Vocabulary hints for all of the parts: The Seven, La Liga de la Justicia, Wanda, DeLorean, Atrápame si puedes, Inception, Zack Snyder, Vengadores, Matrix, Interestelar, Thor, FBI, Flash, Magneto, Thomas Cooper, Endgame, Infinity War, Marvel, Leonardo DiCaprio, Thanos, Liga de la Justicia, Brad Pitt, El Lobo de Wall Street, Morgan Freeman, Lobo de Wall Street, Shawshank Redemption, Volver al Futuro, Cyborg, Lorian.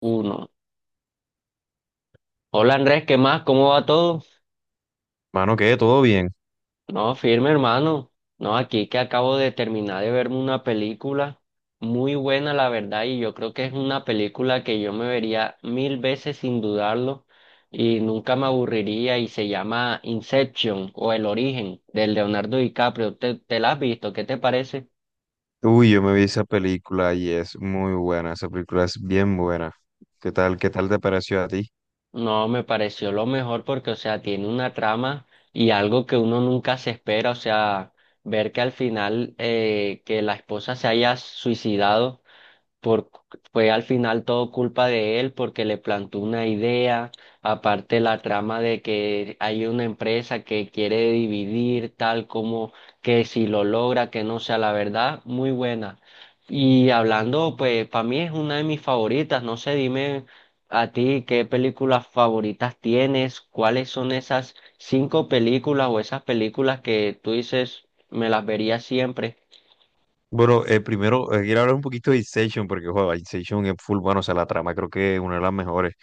Uno. Hola Andrés, ¿qué más? ¿Cómo va todo? Mano, ¿qué? ¿Todo bien? No, firme hermano. No, aquí que acabo de terminar de verme una película muy buena, la verdad, y yo creo que es una película que yo me vería mil veces sin dudarlo y nunca me aburriría y se llama Inception o El Origen del Leonardo DiCaprio. ¿Te la has visto? ¿Qué te parece? Uy, yo me vi esa película y es muy buena, esa película es bien buena. Qué tal te pareció a ti? No, me pareció lo mejor porque, o sea, tiene una trama y algo que uno nunca se espera, o sea, ver que al final que la esposa se haya suicidado por, fue al final todo culpa de él porque le plantó una idea, aparte la trama de que hay una empresa que quiere dividir tal como que si lo logra, que no sea la verdad, muy buena. Y hablando, pues para mí es una de mis favoritas, no sé, dime a ti qué películas favoritas tienes, cuáles son esas cinco películas o esas películas que tú dices me las vería siempre. Bueno, primero quiero hablar un poquito de Inception, porque joder, Inception es full bueno, o sea, la trama creo que es una de las mejores.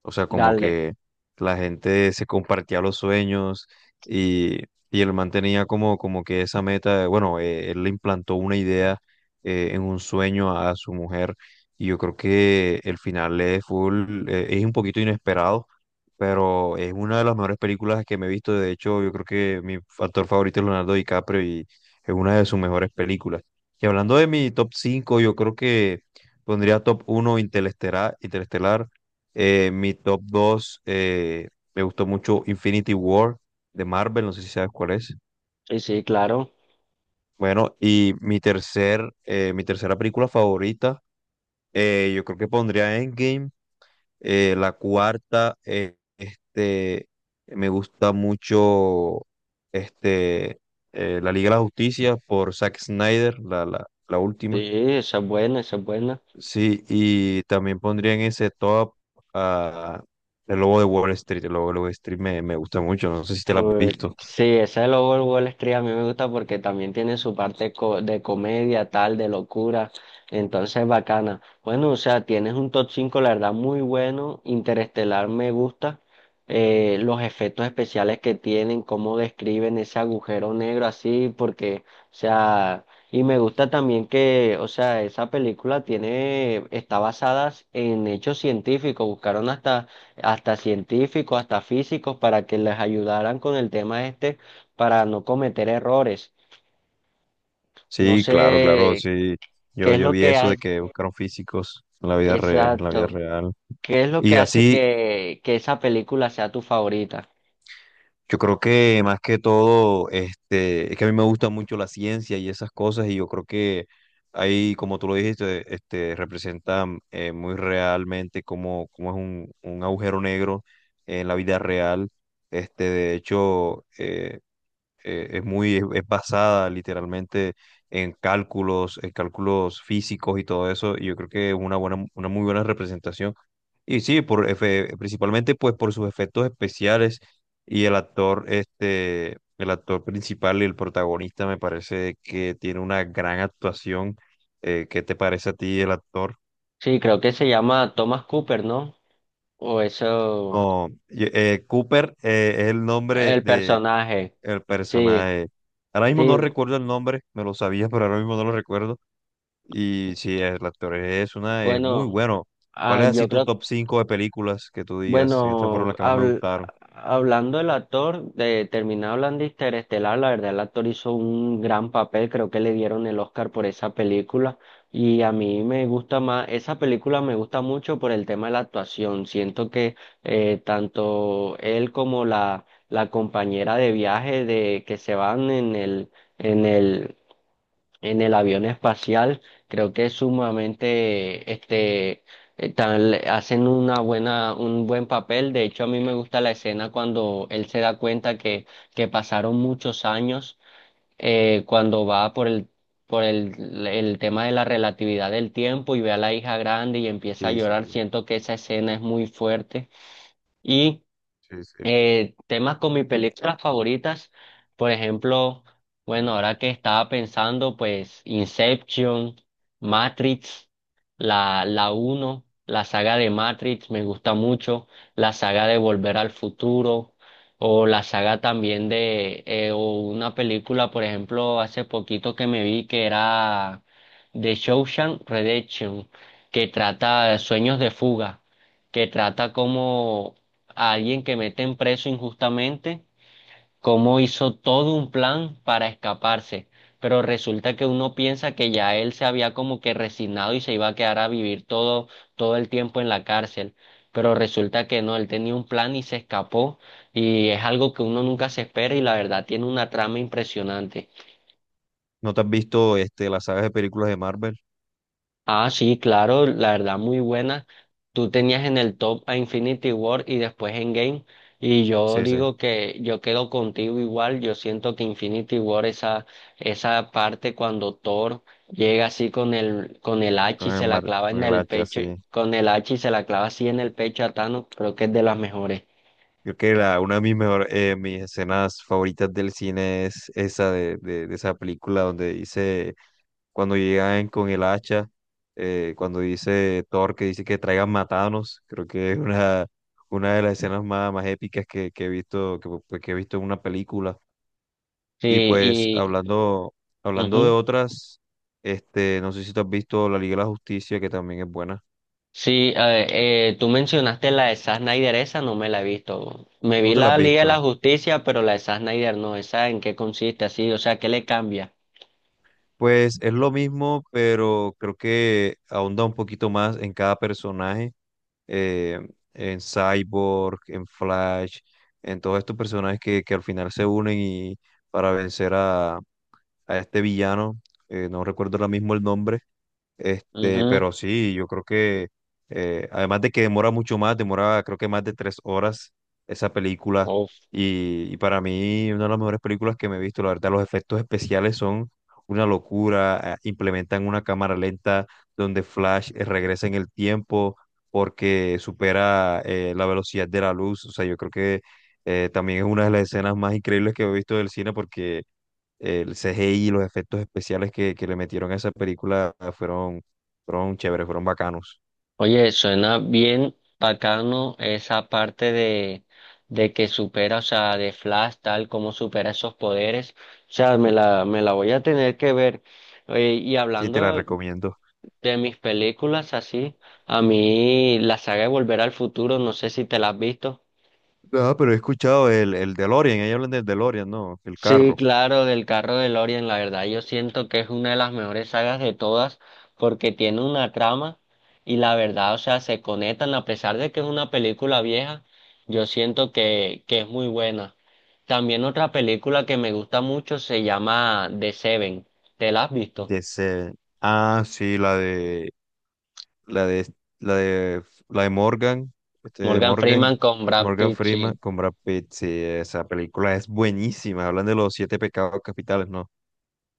O sea, como Dale. que la gente se compartía los sueños y, y el man tenía como, como que esa meta, él le implantó una idea en un sueño a su mujer y yo creo que el final es full, es un poquito inesperado, pero es una de las mejores películas que me he visto. De hecho, yo creo que mi actor favorito es Leonardo DiCaprio y es una de sus mejores películas. Y hablando de mi top 5 yo creo que pondría top uno Interestelar, Interestelar mi top 2 me gustó mucho Infinity War de Marvel, no sé si sabes cuál es. Sí, sí, claro. Bueno, y mi tercer, mi tercera película favorita, yo creo que pondría Endgame. La cuarta, me gusta mucho este, La Liga de la Justicia por Zack Snyder, la Sí, última. esa es buena, esa es buena. Sí, y también pondría en ese top a El Lobo de Wall Street. El Lobo de Wall Street me gusta mucho, no sé si te lo has visto. Sí, esa de Lobo de Wall Street a mí me gusta porque también tiene su parte co- de comedia, tal, de locura. Entonces, bacana. Bueno, o sea, tienes un top 5, la verdad, muy bueno. Interestelar me gusta. Los efectos especiales que tienen, cómo describen ese agujero negro así, porque, o sea, y me gusta también que, o sea, esa película tiene, está basada en hechos científicos. Buscaron hasta científicos, hasta físicos, para que les ayudaran con el tema este, para no cometer errores. No Sí, claro, claro, sé sí. qué es Yo lo vi que eso ha- de que buscaron físicos en la vida en la vida exacto, real. qué es lo que Y hace así, que esa película sea tu favorita. yo creo que más que todo, este, es que a mí me gusta mucho la ciencia y esas cosas, y yo creo que ahí, como tú lo dijiste, este, representa muy realmente cómo, cómo es un agujero negro en la vida real. Este, de hecho, es muy, es basada literalmente en cálculos físicos y todo eso, y yo creo que es una buena, una muy buena representación. Y sí, principalmente pues por sus efectos especiales y el actor, este, el actor principal y el protagonista me parece que tiene una gran actuación. ¿qué te parece a ti el actor? Sí, creo que se llama Thomas Cooper, ¿no? O eso, No, y- Cooper es el nombre el de personaje. el Sí, personaje. Ahora mismo sí, no recuerdo el nombre, me lo sabía, pero ahora mismo no lo recuerdo. Y sí, el actor es una, es muy bueno, bueno. ¿Cuál ah, es yo así tu creo top 5 de películas que tú digas? Estas fueron bueno, las que más me gustaron. hablando del actor, de terminado hablando de Interestelar, la verdad el actor hizo un gran papel, creo que le dieron el Oscar por esa película y a mí me gusta más, esa película me gusta mucho por el tema de la actuación, siento que tanto él como la compañera de viaje de que se van en el, en el avión espacial, creo que es sumamente, hacen una buena, un buen papel. De hecho, a mí me gusta la escena cuando él se da cuenta que pasaron muchos años, cuando va por el tema de la relatividad del tiempo y ve a la hija grande y empieza a Sí, sí, llorar. Siento que esa escena es muy fuerte. Y sí, sí. Temas con mis películas favoritas, por ejemplo, bueno, ahora que estaba pensando, pues Inception, Matrix, la uno, la saga de Matrix me gusta mucho, la saga de Volver al Futuro, o la saga también o una película, por ejemplo, hace poquito que me vi que era de Shawshank Redemption, que trata de sueños de fuga que trata como a alguien que meten preso injustamente, cómo hizo todo un plan para escaparse. Pero resulta que uno piensa que ya él se había como que resignado y se iba a quedar a vivir todo el tiempo en la cárcel. Pero resulta que no, él tenía un plan y se escapó. Y es algo que uno nunca se espera y la verdad tiene una trama impresionante. ¿No te has visto este, las sagas de películas de Marvel? Ah, sí, claro, la verdad muy buena. Tú tenías en el top a Infinity War y después Endgame. Y yo Sí, sí, digo que yo quedo contigo igual. Yo siento que Infinity War, esa parte cuando Thor llega así con el hacha y se la clava con en el el hacha, pecho, sí. con el hacha y se la clava así en el pecho a Thanos, creo que es de las mejores. Creo que la, una de mis, mejor, mis escenas favoritas del cine es esa de esa película donde dice cuando llegan con el hacha, cuando dice Thor que dice que traigan matanos, creo que es una de las escenas más, más épicas que he visto, que, pues, que he visto en una película. Sí, Y pues y hablando, hablando de ujú. otras, este, no sé si te has visto La Liga de la Justicia, que también es buena. Sí, tú mencionaste la de Zack Snyder, esa no me la he visto. Me vi ¿No te la has la Liga de la visto? Justicia, pero la de Zack Snyder no, esa en qué consiste así, o sea, ¿qué le cambia? Pues es lo mismo, pero creo que ahonda un poquito más en cada personaje, eh, en Cyborg, en Flash, en todos estos personajes que al final se unen y para vencer a este villano, no recuerdo ahora mismo el nombre, este, Ujú, pero sí, yo creo que, además de que demora mucho más, demora creo que más de tres horas esa película. uf. Y para mí, una de las mejores películas que me he visto, la verdad, los efectos especiales son una locura. Implementan una cámara lenta donde Flash regresa en el tiempo porque supera la velocidad de la luz. O sea, yo creo que también es una de las escenas más increíbles que he visto del cine porque el CGI y los efectos especiales que le metieron a esa película fueron, fueron chéveres, fueron bacanos. Oye, suena bien bacano esa parte de que supera, o sea, de Flash, tal, como supera esos poderes. O sea, me la voy a tener que ver. Oye, y Sí, te la hablando de, recomiendo. de mis películas así, a mí la saga de Volver al Futuro, no sé si te la has visto. Ah, pero he escuchado el DeLorean, ahí hablan del DeLorean, ¿no? El Sí, carro. claro, del carro de Lorian, la verdad yo siento que es una de las mejores sagas de todas porque tiene una trama y la verdad, o sea, se conectan a pesar de que es una película vieja, yo siento que es muy buena. También otra película que me gusta mucho se llama The Seven, ¿te la has visto? De ese- Ah, sí, la de, la de, la de Morgan, este de Morgan Morgan, Freeman con Brad Morgan Pitt, Freeman sí. con Brad Pitt. Sí, esa película es buenísima. Hablan de los siete pecados capitales, ¿no?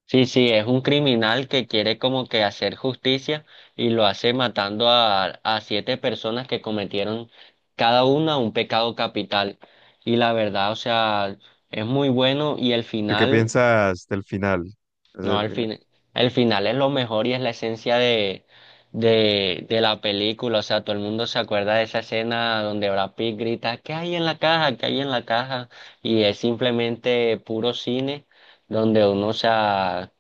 Sí, sí, es un criminal que quiere como que hacer justicia y lo hace matando a siete personas que cometieron cada una un pecado capital. Y la verdad, o sea, es muy bueno y el ¿Tú qué final piensas del final? Ese es no, el al final. fin, el final es lo mejor y es la esencia de la película. O sea, todo el mundo se acuerda de esa escena donde Brad Pitt grita, ¿qué hay en la caja? ¿Qué hay en la caja? Y es simplemente puro cine donde uno o sea,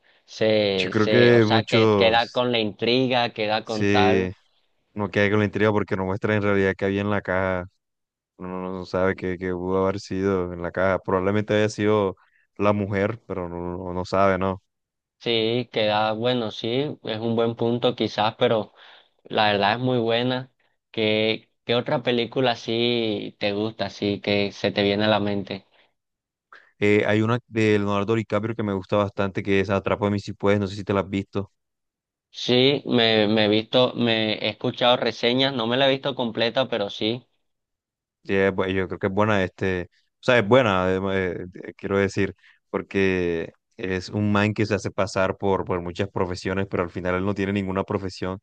Yo creo o que sea, que queda muchos. con la intriga, queda con tal. Sí, no queda con la intriga porque no muestra en realidad qué había en la caja. Uno no, no sabe qué, qué pudo haber sido en la caja. Probablemente haya sido la mujer, pero no, no, no sabe, ¿no? Sí, queda, bueno, sí, es un buen punto quizás, pero la verdad es muy buena. ¿Qué otra película sí te gusta, sí, que se te viene a la mente? Hay una de Leonardo DiCaprio que me gusta bastante, que es Atrápame si puedes, no sé si te la has visto. Sí, me he escuchado reseñas, no me la he visto completa, pero sí. Sí, yo creo que es buena, este, o sea, es buena, quiero decir, porque es un man que se hace pasar por muchas profesiones, pero al final él no tiene ninguna profesión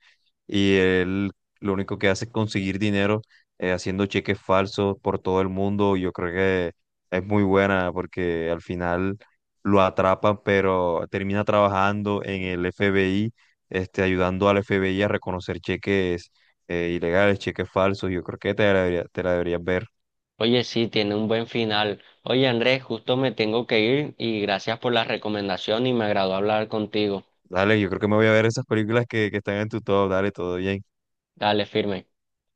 y él lo único que hace es conseguir dinero haciendo cheques falsos por todo el mundo. Yo creo que es muy buena porque al final lo atrapan, pero termina trabajando en el FBI, este, ayudando al FBI a reconocer cheques ilegales, cheques falsos, yo creo que te la deberías ver. Oye, sí, tiene un buen final. Oye, Andrés, justo me tengo que ir y gracias por la recomendación y me agradó hablar contigo. Dale, yo creo que me voy a ver esas películas que están en tu top, dale, todo bien. Dale, firme.